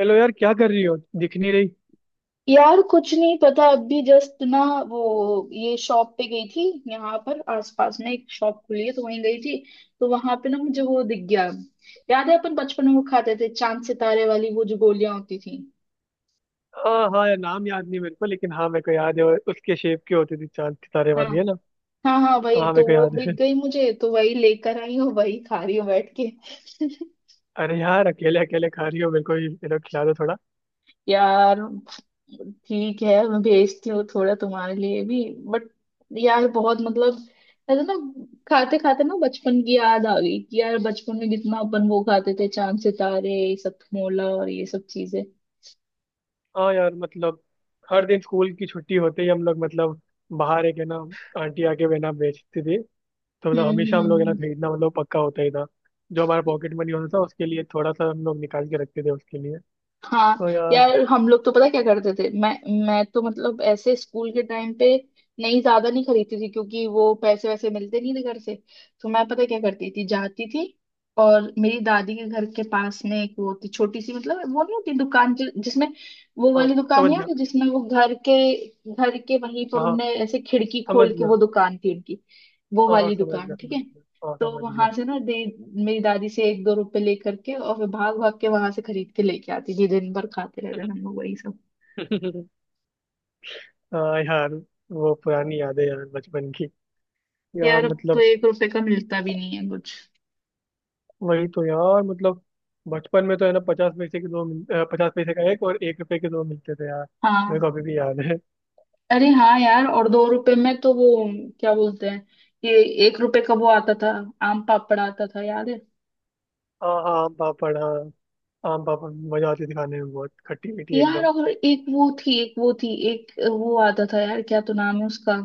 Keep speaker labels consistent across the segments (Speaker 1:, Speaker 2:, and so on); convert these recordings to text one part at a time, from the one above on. Speaker 1: Hello यार, क्या कर रही हो, दिख नहीं रही।
Speaker 2: यार कुछ नहीं पता अभी जस्ट ना, वो, ये शॉप पे गई थी। यहाँ पर आसपास में एक शॉप खुली है तो वहीं गई थी। तो वहां पे ना मुझे वो दिख गया। याद है अपन बचपन में वो खाते थे, चांद सितारे वाली वो जो गोलियां होती थी।
Speaker 1: हाँ हाँ यार, नाम याद नहीं मेरे को, लेकिन हाँ मेरे को याद है वो उसके शेप की होती थी, चांद सितारे
Speaker 2: हाँ।
Speaker 1: वाली है ना।
Speaker 2: हाँ हाँ, वही
Speaker 1: हाँ मेरे
Speaker 2: तो,
Speaker 1: को
Speaker 2: वो
Speaker 1: याद है।
Speaker 2: दिख गई मुझे, तो वही लेकर आई हूँ, वही खा रही हूँ बैठ के।
Speaker 1: अरे यार, अकेले अकेले खा रही हो, मेरे को ये लोग खिला दो थोड़ा।
Speaker 2: यार, ठीक है, मैं भेजती हूँ थोड़ा तुम्हारे लिए भी। बट यार बहुत मतलब, ऐसा ना, खाते खाते ना बचपन की याद आ गई कि यार बचपन में कितना अपन वो खाते थे, चांद सितारे, ये सब मोला और ये सब चीजें।
Speaker 1: हाँ यार मतलब हर दिन स्कूल की छुट्टी होते ही हम लोग मतलब बाहर एक है ना, आंटी आके बेना बेचती थी, तो मतलब हमेशा
Speaker 2: हम्म।
Speaker 1: हम लोग है ना
Speaker 2: हम्म।
Speaker 1: खरीदना मतलब पक्का होता ही था। जो हमारा पॉकेट मनी होता था उसके लिए थोड़ा सा हम लोग निकाल के रखते थे उसके लिए।
Speaker 2: हाँ
Speaker 1: तो यार।
Speaker 2: यार हम लोग तो पता क्या करते थे। मैं तो मतलब ऐसे स्कूल के टाइम पे नहीं ज्यादा नहीं खरीदती थी, क्योंकि वो पैसे वैसे मिलते नहीं थे घर से। तो मैं पता क्या करती थी, जाती थी और मेरी दादी के घर के पास में एक वो थी छोटी सी, मतलब वो नहीं होती दुकान जिसमें, वो
Speaker 1: हाँ
Speaker 2: वाली दुकान
Speaker 1: समझ
Speaker 2: है
Speaker 1: गया।
Speaker 2: ना, जिसमें वो घर के, घर के वहीं
Speaker 1: तो
Speaker 2: पर
Speaker 1: हाँ
Speaker 2: उनने ऐसे खिड़की
Speaker 1: समझ
Speaker 2: खोल के वो
Speaker 1: गया।
Speaker 2: दुकान थी उनकी, वो
Speaker 1: हाँ हाँ
Speaker 2: वाली
Speaker 1: समझ
Speaker 2: दुकान,
Speaker 1: गया
Speaker 2: ठीक
Speaker 1: समझ
Speaker 2: है।
Speaker 1: गया, हाँ
Speaker 2: तो
Speaker 1: समझ गया।
Speaker 2: वहां से ना, दे, मेरी दादी से एक दो रुपए लेकर के और फिर भाग भाग के वहां से खरीद के लेके आती थी, दिन भर खाते रहते थे हम लोग वही सब।
Speaker 1: हाँ यार, वो पुरानी यादें यार बचपन की। यार
Speaker 2: यार अब तो
Speaker 1: मतलब।
Speaker 2: 1 रुपए भी नहीं है कुछ।
Speaker 1: वही तो यार मतलब। बचपन में तो है ना, 50 पैसे के दो 50 पैसे का एक और 1 रुपए के दो मिलते थे यार। मेरे
Speaker 2: हाँ।
Speaker 1: को अभी भी याद है।
Speaker 2: अरे हाँ यार, और 2 रुपए तो वो, क्या बोलते हैं, ये, 1 रुपए था, आम पापड़ आता था, याद है।
Speaker 1: हाँ हाँ आम पापड़, हाँ आम पापड़ मजा आती थी खाने में, बहुत खट्टी मीठी
Speaker 2: यार
Speaker 1: एकदम।
Speaker 2: और एक वो थी, एक वो थी, एक वो आता था, यार क्या तो नाम है उसका,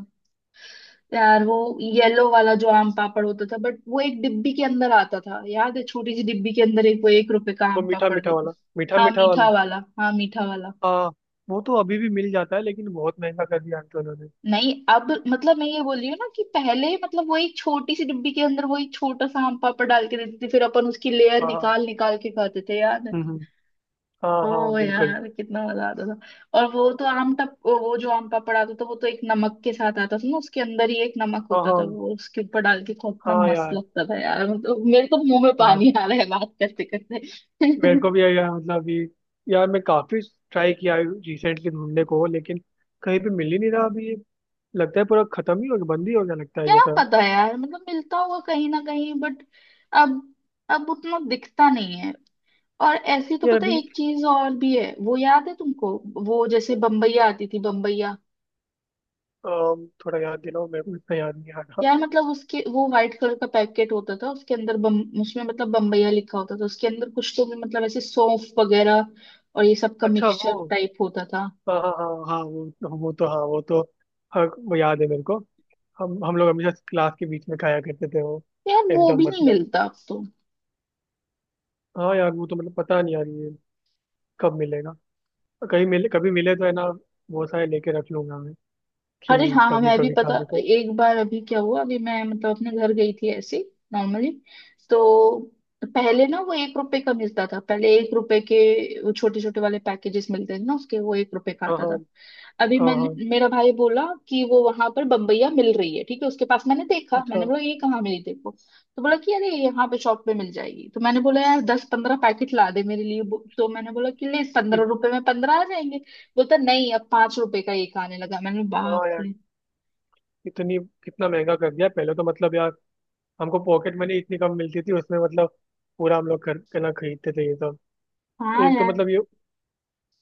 Speaker 2: यार वो येलो वाला जो आम पापड़ होता था, बट वो एक डिब्बी के अंदर आता था, याद है, छोटी सी डिब्बी के अंदर एक वो, एक रुपए का
Speaker 1: वो
Speaker 2: आम
Speaker 1: मीठा
Speaker 2: पापड़
Speaker 1: मीठा
Speaker 2: देते
Speaker 1: वाला।
Speaker 2: थे।
Speaker 1: मीठा
Speaker 2: हाँ
Speaker 1: मीठा वाला।
Speaker 2: मीठा वाला, हाँ मीठा वाला।
Speaker 1: हाँ वो तो अभी भी मिल जाता है, लेकिन बहुत महंगा कर दिया अंकल उन्होंने।
Speaker 2: नहीं, अब मतलब मैं ये बोल रही हूँ ना, कि पहले मतलब वो एक छोटी सी डिब्बी के अंदर वो एक छोटा सा आम पापड़ डाल के देते थे, फिर अपन उसकी लेयर
Speaker 1: हाँ हाँ।
Speaker 2: निकाल निकाल के खाते थे यार।
Speaker 1: हम्म। हाँ हाँ
Speaker 2: ओ
Speaker 1: बिल्कुल।
Speaker 2: यार कितना मजा आता था, और वो तो आम टप, वो जो आम पापड़ आता था वो तो एक नमक के साथ आता था ना, उसके अंदर ही एक नमक
Speaker 1: हाँ
Speaker 2: होता था,
Speaker 1: हाँ
Speaker 2: वो उसके ऊपर डाल के खाओ, इतना
Speaker 1: हाँ
Speaker 2: मस्त
Speaker 1: यार
Speaker 2: लगता था यार, मतलब मेरे तो मुंह में
Speaker 1: हाँ।
Speaker 2: पानी आ रहा है बात करते
Speaker 1: मेरे
Speaker 2: करते।
Speaker 1: को भी यार मतलब ये। यार मैं काफी ट्राई किया रिसेंटली ढूंढने को, लेकिन कहीं पे मिल ही नहीं रहा अभी ये। लगता है पूरा खत्म ही हो गया, बंद ही हो गया लगता है
Speaker 2: क्या
Speaker 1: ये सब।
Speaker 2: पता यार, मतलब मिलता होगा कहीं ना कहीं, बट अब अब उतना दिखता नहीं है। और ऐसी तो
Speaker 1: यार
Speaker 2: पता है,
Speaker 1: अभी।
Speaker 2: एक चीज और भी है, वो याद है तुमको, वो जैसे बम्बैया आती थी, बम्बैया।
Speaker 1: थोड़ा याद दिलाओ मेरे को, इतना याद नहीं आ रहा।
Speaker 2: यार मतलब उसके वो व्हाइट कलर का पैकेट होता था, उसके अंदर बम, उसमें मतलब बम्बैया लिखा होता था, उसके अंदर कुछ तो भी मतलब ऐसे सौंफ वगैरह और ये सब का
Speaker 1: अच्छा वो।
Speaker 2: मिक्सचर टाइप होता था।
Speaker 1: हाँ हाँ हाँ हाँ वो। वो तो हाँ वो तो। हाँ वो याद है मेरे को। हम लोग हमेशा क्लास के बीच में खाया करते थे वो।
Speaker 2: यार वो
Speaker 1: एकदम
Speaker 2: भी नहीं
Speaker 1: मतलब।
Speaker 2: मिलता अब तो।
Speaker 1: हाँ यार वो तो मतलब, पता नहीं यार ये कब मिलेगा। कहीं मिले, कभी मिले तो है ना, बहुत सारे लेके रख लूंगा मैं।
Speaker 2: अरे
Speaker 1: कि
Speaker 2: हाँ,
Speaker 1: कभी
Speaker 2: मैं भी,
Speaker 1: कभी
Speaker 2: पता,
Speaker 1: खाने को।
Speaker 2: एक बार अभी क्या हुआ, अभी मैं मतलब अपने घर गई थी ऐसे नॉर्मली। तो पहले ना वो 1 रुपए था, पहले 1 रुपए छोटे वाले पैकेजेस मिलते थे ना, उसके, वो एक रुपए का
Speaker 1: हाँ
Speaker 2: आता
Speaker 1: हाँ
Speaker 2: था। अभी
Speaker 1: हाँ
Speaker 2: मैंने,
Speaker 1: हाँ।
Speaker 2: मेरा भाई बोला कि वो वहां पर बम्बैया मिल रही है, ठीक है, उसके पास मैंने देखा,
Speaker 1: अच्छा।
Speaker 2: मैंने बोला ये कहाँ मिली देखो, तो बोला कि अरे यहाँ पे शॉप पे मिल जाएगी, तो मैंने बोला यार 10-15 पैकेट ला दे मेरे लिए, तो मैंने बोला कि ले, पंद्रह
Speaker 1: हम्म।
Speaker 2: रुपए में पंद्रह आ जाएंगे। बोलता नहीं, अब 5 रुपए आने लगा, मैंने बोला, बाप
Speaker 1: हाँ यार।
Speaker 2: रे।
Speaker 1: इतनी। कितना महंगा कर दिया, पहले तो मतलब यार हमको पॉकेट मनी इतनी कम मिलती थी, उसमें मतलब पूरा हम लोग कर के ना खरीदते थे ये सब।
Speaker 2: हाँ
Speaker 1: एक तो
Speaker 2: यार।
Speaker 1: मतलब ये।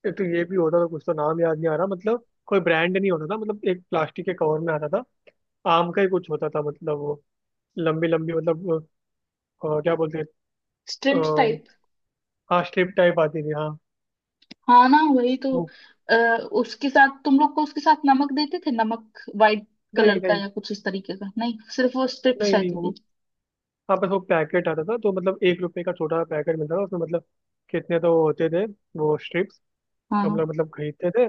Speaker 1: एक तो ये भी होता था, कुछ तो नाम याद नहीं आ रहा, मतलब कोई ब्रांड नहीं होता था, मतलब एक प्लास्टिक के कवर में आता था। आम का ही कुछ होता था मतलब वो। लंबी लंबी मतलब। क्या बोलते हैं।
Speaker 2: Strips type.
Speaker 1: अ, हाँ स्ट्रिप टाइप आती थी, हाँ
Speaker 2: हाँ ना वही तो,
Speaker 1: वो।
Speaker 2: अ, उसके साथ तुम लोग को, उसके साथ नमक देते थे, नमक वाइट कलर
Speaker 1: नहीं
Speaker 2: का
Speaker 1: नहीं।
Speaker 2: या कुछ इस तरीके का, नहीं सिर्फ वो स्ट्रिप्स
Speaker 1: नहीं नहीं
Speaker 2: रहती थी।
Speaker 1: वो। हाँ बस वो पैकेट आता था, तो मतलब 1 रुपए का छोटा सा पैकेट मिलता था, उसमें मतलब कितने तो वो होते थे, वो स्ट्रिप्स।
Speaker 2: हाँ
Speaker 1: तो हम लोग
Speaker 2: हाँ।"
Speaker 1: मतलब खरीदते थे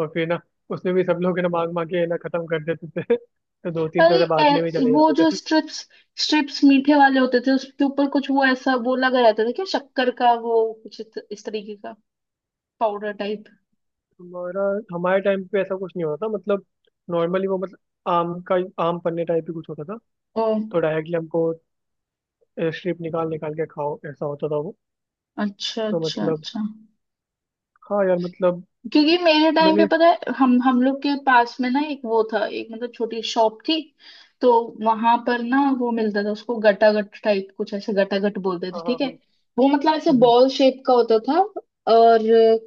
Speaker 1: और फिर ना उसमें भी सब लोग है ना मांग मांग के है ना खत्म कर देते थे तो दो तीन तो है ना बांटने में चले
Speaker 2: वो
Speaker 1: जाते
Speaker 2: जो
Speaker 1: थे।
Speaker 2: स्ट्रिप्स, स्ट्रिप्स मीठे वाले होते थे, उसके ऊपर कुछ वो ऐसा वो लगा रहता था, क्या, शक्कर का वो कुछ इस तरीके का, पाउडर टाइप।
Speaker 1: हमारा हमारे टाइम पे ऐसा कुछ नहीं होता था, मतलब नॉर्मली वो मतलब आम का आम पन्ने टाइप ही कुछ होता था।
Speaker 2: ओ,
Speaker 1: तो डायरेक्टली हमको स्ट्रिप निकाल निकाल के खाओ, ऐसा होता था वो।
Speaker 2: अच्छा
Speaker 1: तो
Speaker 2: अच्छा
Speaker 1: मतलब।
Speaker 2: अच्छा।
Speaker 1: हाँ यार मतलब।
Speaker 2: क्योंकि मेरे टाइम पे
Speaker 1: मैंने।
Speaker 2: पता है, हम लोग के पास में ना एक वो था, एक मतलब छोटी शॉप थी, तो वहां पर ना वो मिलता था, उसको गटागट टाइप कुछ ऐसे, गटागट बोलते थे,
Speaker 1: हाँ हाँ
Speaker 2: ठीक है,
Speaker 1: हाँ।
Speaker 2: वो मतलब ऐसे
Speaker 1: हम्म हम्म
Speaker 2: बॉल शेप का होता था, और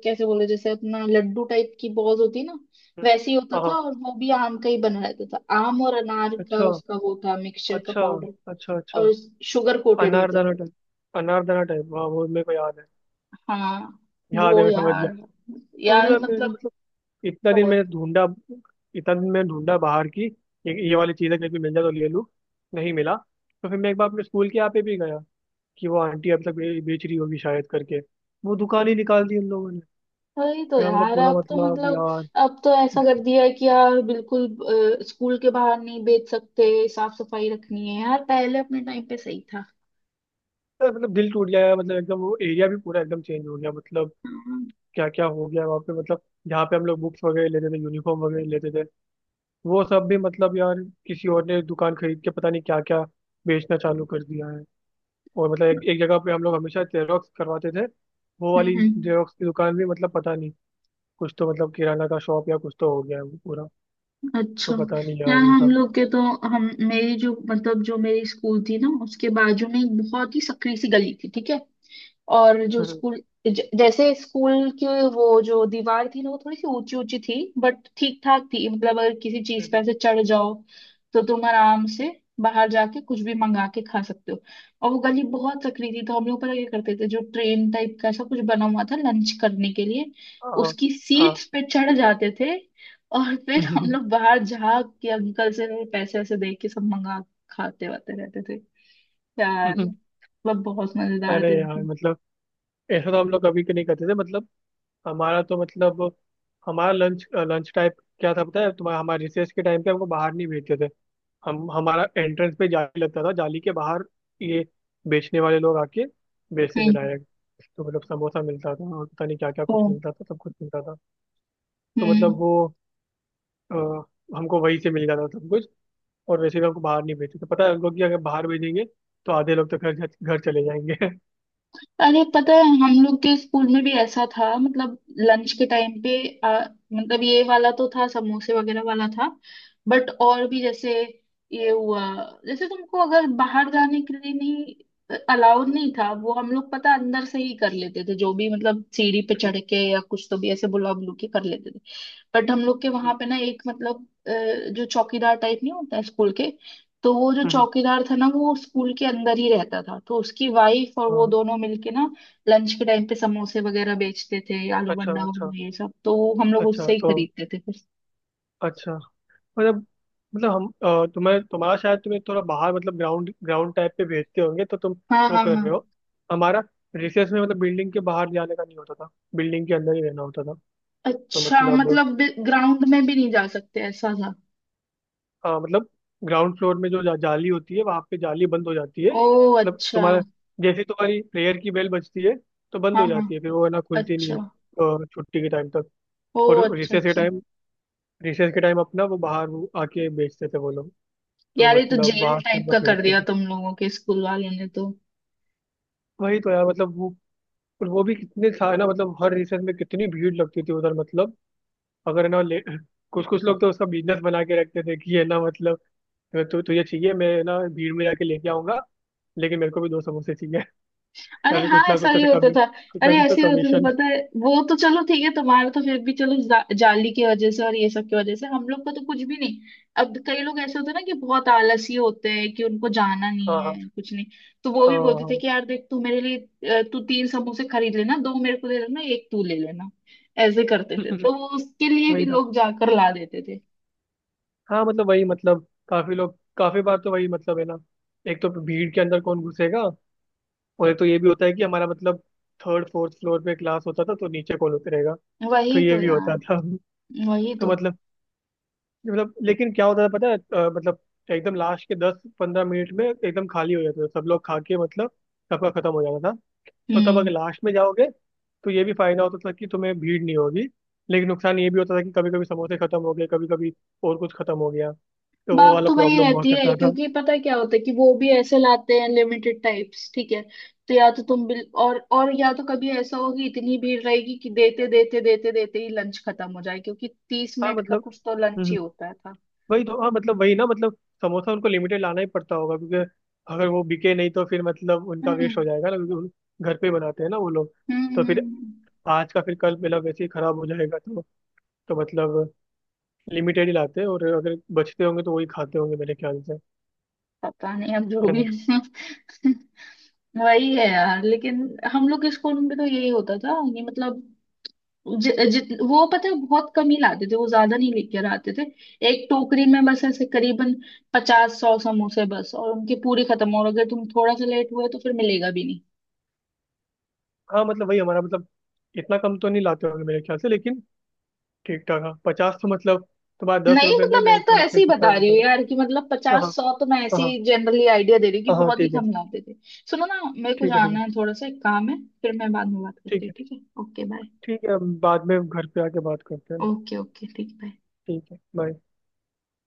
Speaker 2: कैसे बोले, जैसे अपना लड्डू टाइप की बॉल होती ना,
Speaker 1: हम्म।
Speaker 2: वैसे ही होता
Speaker 1: हाँ
Speaker 2: था,
Speaker 1: हाँ।
Speaker 2: और वो भी आम का ही बना रहता था, आम और अनार का,
Speaker 1: अच्छा
Speaker 2: उसका वो था मिक्सचर का
Speaker 1: अच्छा
Speaker 2: पाउडर,
Speaker 1: अच्छा। अच्छा।
Speaker 2: और शुगर कोटेड होते
Speaker 1: अनारदाना
Speaker 2: थे।
Speaker 1: टाइप। अनारदाना टाइप हाँ, वो मेरे को याद है,
Speaker 2: हाँ।
Speaker 1: याद है,
Speaker 2: वो
Speaker 1: मैं समझ गया।
Speaker 2: यार,
Speaker 1: और
Speaker 2: यार
Speaker 1: यार मैंने
Speaker 2: मतलब
Speaker 1: मतलब, इतना दिन
Speaker 2: बहुत।
Speaker 1: मैंने ढूंढा, इतना दिन मैंने ढूंढा बाहर की ये वाली चीज़ें कहीं पे मिल जाए तो ले लूँ। नहीं मिला तो फिर मैं एक बार अपने स्कूल के यहाँ पे भी गया, कि वो आंटी अब तक बेच रही होगी शायद करके। वो दुकान ही निकाल दी उन लोगों ने।
Speaker 2: वही तो
Speaker 1: यार मतलब
Speaker 2: यार
Speaker 1: पूरा
Speaker 2: अब तो
Speaker 1: मतलब
Speaker 2: मतलब,
Speaker 1: यार।
Speaker 2: अब तो ऐसा कर दिया है कि यार बिल्कुल, अ, स्कूल के बाहर नहीं बेच सकते, साफ सफाई रखनी है, यार पहले अपने टाइम पे सही था।
Speaker 1: यार, मतलब दिल टूट गया यार, मतलब एकदम वो एरिया भी पूरा एकदम चेंज हो गया, मतलब
Speaker 2: हाँ।
Speaker 1: क्या क्या हो गया वहाँ पे मतलब। जहाँ पे हम लोग बुक्स वगैरह लेते थे, यूनिफॉर्म वगैरह लेते थे, वो सब भी मतलब यार, किसी और ने दुकान खरीद के पता नहीं क्या क्या बेचना चालू कर दिया है। और मतलब एक जगह पे हम लोग हमेशा जेरोक्स करवाते थे, वो वाली
Speaker 2: हम्म।
Speaker 1: जेरोक्स की दुकान भी मतलब पता नहीं कुछ तो मतलब किराना का शॉप या कुछ तो हो गया है वो पूरा।
Speaker 2: अच्छा।
Speaker 1: तो पता नहीं
Speaker 2: यार
Speaker 1: यार ये
Speaker 2: हम
Speaker 1: सब।
Speaker 2: लोग के तो, हम, मेरी जो मतलब जो मेरी स्कूल थी ना, उसके बाजू में एक बहुत ही संकरी सी गली थी, ठीक है, और जो
Speaker 1: हम्म
Speaker 2: स्कूल, जैसे स्कूल की वो जो दीवार थी ना, वो थोड़ी सी ऊंची ऊंची थी, बट ठीक ठाक थी, मतलब अगर किसी चीज
Speaker 1: हम्म।
Speaker 2: पर से चढ़ जाओ तो तुम आराम से बाहर जाके कुछ भी मंगा के खा सकते हो। और वो गली बहुत सकरी थी, तो हम लोग पता क्या करते थे, जो ट्रेन टाइप का ऐसा कुछ बना हुआ था लंच करने के लिए,
Speaker 1: हाँ
Speaker 2: उसकी
Speaker 1: हाँ।
Speaker 2: सीट्स पे चढ़ जाते थे, और फिर हम लोग बाहर झाग के अंकल से पैसे ऐसे दे के सब मंगा खाते वाते रहते थे। यार मतलब बहुत मजेदार
Speaker 1: अरे
Speaker 2: दिन
Speaker 1: यार मतलब ऐसा तो हम लोग कभी के नहीं करते थे, मतलब हमारा तो मतलब हमारा लंच लंच टाइप क्या था पता है तुम्हारा। हमारे रिसेस के टाइम पे हमको बाहर नहीं भेजते थे। हम हमारा एंट्रेंस पे जाली लगता था, जाली के बाहर ये बेचने वाले लोग आके बेचते
Speaker 2: थे।
Speaker 1: थे डायरेक्ट। तो मतलब समोसा मिलता था और पता नहीं क्या क्या
Speaker 2: ओ।
Speaker 1: कुछ मिलता था, सब कुछ मिलता था। तो
Speaker 2: हम्म।
Speaker 1: मतलब वो। अ, हमको वहीं से मिल जाता था सब कुछ। और वैसे भी हमको बाहर नहीं भेजते थे, पता है उनको कि अगर बाहर भेजेंगे तो आधे लोग तो घर घर चले जाएंगे।
Speaker 2: अरे पता है हम लोग के स्कूल में भी ऐसा था, मतलब लंच के टाइम पे, आ, मतलब ये वाला तो था, समोसे वगैरह वाला था, बट और भी जैसे, ये हुआ, जैसे तुमको अगर बाहर जाने के लिए नहीं, अलाउड नहीं था, वो हम लोग पता अंदर से ही कर लेते थे, जो भी मतलब सीढ़ी पे चढ़ के या कुछ तो भी ऐसे बुला बुलू के कर लेते थे, बट हम लोग के वहां पे ना एक मतलब, अ, जो चौकीदार टाइप नहीं होता है स्कूल के, तो वो जो
Speaker 1: हम्म।
Speaker 2: चौकीदार था ना वो स्कूल के अंदर ही रहता था, तो उसकी वाइफ और
Speaker 1: हाँ
Speaker 2: वो
Speaker 1: हाँ।
Speaker 2: दोनों मिलके ना लंच के टाइम पे समोसे वगैरह बेचते थे, आलू
Speaker 1: अच्छा
Speaker 2: बंडा
Speaker 1: अच्छा
Speaker 2: वगैरह ये सब, तो वो हम लोग
Speaker 1: अच्छा।
Speaker 2: उससे ही
Speaker 1: तो
Speaker 2: खरीदते थे फिर।
Speaker 1: अच्छा मतलब मतलब हम। तुम्हें तुम्हारा शायद तुम्हें थोड़ा बाहर मतलब ग्राउंड ग्राउंड टाइप पे भेजते होंगे, तो तुम
Speaker 2: हाँ
Speaker 1: वो
Speaker 2: हाँ
Speaker 1: कर
Speaker 2: हाँ।
Speaker 1: रहे हो। हमारा रिसेस में मतलब बिल्डिंग के बाहर जाने का नहीं होता था, बिल्डिंग के अंदर ही रहना होता था। तो
Speaker 2: अच्छा
Speaker 1: मतलब।
Speaker 2: मतलब ग्राउंड में भी नहीं जा सकते, ऐसा था।
Speaker 1: हाँ मतलब ग्राउंड फ्लोर में जो जाली होती है वहाँ पे जाली बंद हो जाती है,
Speaker 2: ओ
Speaker 1: मतलब
Speaker 2: अच्छा।
Speaker 1: तुम्हारा जैसे ही तुम्हारी प्रेयर की बेल बजती है तो बंद
Speaker 2: हाँ
Speaker 1: हो
Speaker 2: हाँ,
Speaker 1: जाती है फिर वो है ना, खुलती नहीं है
Speaker 2: अच्छा।
Speaker 1: छुट्टी के टाइम तक।
Speaker 2: ओ
Speaker 1: और
Speaker 2: अच्छा
Speaker 1: रिसेस के
Speaker 2: अच्छा।
Speaker 1: टाइम अपना वो बाहर वो आके बेचते थे वो लोग। तो
Speaker 2: यार ये तो
Speaker 1: मतलब
Speaker 2: जेल
Speaker 1: बाहर से हम
Speaker 2: टाइप का
Speaker 1: लोग
Speaker 2: कर
Speaker 1: खरीदते
Speaker 2: दिया
Speaker 1: थे।
Speaker 2: तुम लोगों के स्कूल वालों ने तो।
Speaker 1: वही तो यार मतलब वो। और वो भी कितने था ना, मतलब हर रिसर्च में कितनी भीड़ लगती थी उधर, मतलब अगर है ना ले कुछ कुछ लोग तो उसका बिजनेस बना के रखते थे, कि ये ना मतलब मैं तो तुझे चाहिए मैं ना भीड़ में जाके लेके आऊंगा, लेकिन मेरे को भी दो समोसे चाहिए या
Speaker 2: अरे
Speaker 1: फिर
Speaker 2: हाँ ऐसा ही होता था।
Speaker 1: कुछ ना
Speaker 2: अरे
Speaker 1: कुछ तो
Speaker 2: ऐसे ही होता था,
Speaker 1: कमीशन।
Speaker 2: पता है, वो तो चलो ठीक है, तुम्हारा तो फिर भी चलो जाली की वजह से और ये सब की वजह से, हम लोग का तो कुछ भी नहीं। अब कई लोग ऐसे होते हैं ना कि बहुत आलसी होते हैं, कि उनको जाना नहीं
Speaker 1: हाँ हाँ
Speaker 2: है कुछ नहीं, तो वो
Speaker 1: हाँ
Speaker 2: भी बोलते थे
Speaker 1: हाँ
Speaker 2: कि यार देख तू मेरे लिए, अ, तू तीन समोसे खरीद लेना, दो मेरे को दे देना, एक तू ले लेना, ऐसे करते थे, तो वो उसके लिए भी
Speaker 1: वही था।
Speaker 2: लोग जाकर ला देते थे।
Speaker 1: हाँ मतलब वही मतलब काफी लोग काफी बार तो वही मतलब है ना, एक तो भीड़ के अंदर कौन घुसेगा। और एक तो ये भी होता है कि हमारा मतलब थर्ड फोर्थ फ्लोर पे क्लास होता था तो नीचे कौन उतरेगा। तो
Speaker 2: वही
Speaker 1: ये
Speaker 2: तो
Speaker 1: भी
Speaker 2: यार,
Speaker 1: होता था।
Speaker 2: वही
Speaker 1: तो
Speaker 2: तो।
Speaker 1: मतलब लेकिन क्या होता था पता है। मतलब एकदम लास्ट के 10-15 मिनट में एकदम खाली हो जाता था, सब लोग खा के मतलब सबका खत्म हो जाता था। तो तब
Speaker 2: हम्म।
Speaker 1: अगर लास्ट में जाओगे तो ये भी फायदा होता था कि तुम्हें भीड़ नहीं होगी। लेकिन नुकसान ये भी होता था कि कभी कभी समोसे खत्म हो गए, कभी कभी और कुछ खत्म हो गया, तो वो
Speaker 2: बात
Speaker 1: वाला
Speaker 2: तो वही
Speaker 1: प्रॉब्लम हुआ
Speaker 2: रहती है,
Speaker 1: करता था।
Speaker 2: क्योंकि पता है क्या होता है, कि वो भी ऐसे लाते हैं लिमिटेड टाइप्स, ठीक है, तो या तो तुम बिल, और या तो कभी ऐसा होगी, इतनी भीड़ रहेगी कि देते देते देते देते ही लंच खत्म हो जाए, क्योंकि तीस
Speaker 1: हाँ
Speaker 2: मिनट का
Speaker 1: मतलब।
Speaker 2: कुछ तो
Speaker 1: हम्म
Speaker 2: लंच ही
Speaker 1: हम्म।
Speaker 2: होता था।
Speaker 1: वही तो हाँ मतलब वही ना मतलब समोसा उनको लिमिटेड लाना ही पड़ता होगा, क्योंकि अगर वो बिके नहीं तो फिर मतलब उनका वेस्ट
Speaker 2: हम्म
Speaker 1: हो जाएगा ना, क्योंकि घर पे ही बनाते हैं ना वो लोग। तो फिर
Speaker 2: हम्म।
Speaker 1: आज का फिर कल मेरा वैसे ही खराब हो जाएगा, तो मतलब लिमिटेड ही लाते हैं और अगर बचते होंगे तो वही खाते होंगे मेरे ख्याल से।
Speaker 2: पता नहीं, अब जो
Speaker 1: है
Speaker 2: भी
Speaker 1: ना।
Speaker 2: है। वही है यार, लेकिन हम लोग के स्कूल में भी तो यही होता था ये, मतलब जित वो पता है बहुत कम ही लाते थे वो, ज्यादा नहीं लेकर आते थे, एक टोकरी में बस ऐसे करीबन पचास सौ समोसे बस, और उनके पूरे खत्म, और अगर तुम थोड़ा सा लेट हुए तो फिर मिलेगा भी नहीं।
Speaker 1: हाँ मतलब वही हमारा मतलब इतना कम तो नहीं लाते होंगे मेरे ख्याल से, लेकिन ठीक ठाक, हाँ 50 तो मतलब तुम्हारा दस
Speaker 2: नहीं,
Speaker 1: रुपये में
Speaker 2: मतलब मैं
Speaker 1: मेरे
Speaker 2: तो
Speaker 1: ख्याल
Speaker 2: ऐसे
Speaker 1: से
Speaker 2: ही
Speaker 1: कितना
Speaker 2: बता रही
Speaker 1: बनता
Speaker 2: हूँ यार,
Speaker 1: था।
Speaker 2: कि मतलब
Speaker 1: हाँ
Speaker 2: पचास सौ तो मैं
Speaker 1: हाँ
Speaker 2: ऐसे
Speaker 1: हाँ
Speaker 2: ही जनरली आइडिया दे रही हूँ, कि
Speaker 1: हाँ हाँ,
Speaker 2: बहुत ही
Speaker 1: ठीक है।
Speaker 2: कम लाते थे। सुनो ना, मेरे को
Speaker 1: ठीक है। ठीक
Speaker 2: जाना
Speaker 1: है।
Speaker 2: है थोड़ा सा, एक काम है, फिर मैं बाद में बात करती
Speaker 1: ठीक
Speaker 2: हूँ,
Speaker 1: है।
Speaker 2: ठीक है, ओके बाय।
Speaker 1: ठीक है हम बाद में घर पे आके बात करते हैं ना।
Speaker 2: ओके ओके, ठीक, बाय।
Speaker 1: ठीक है बाय।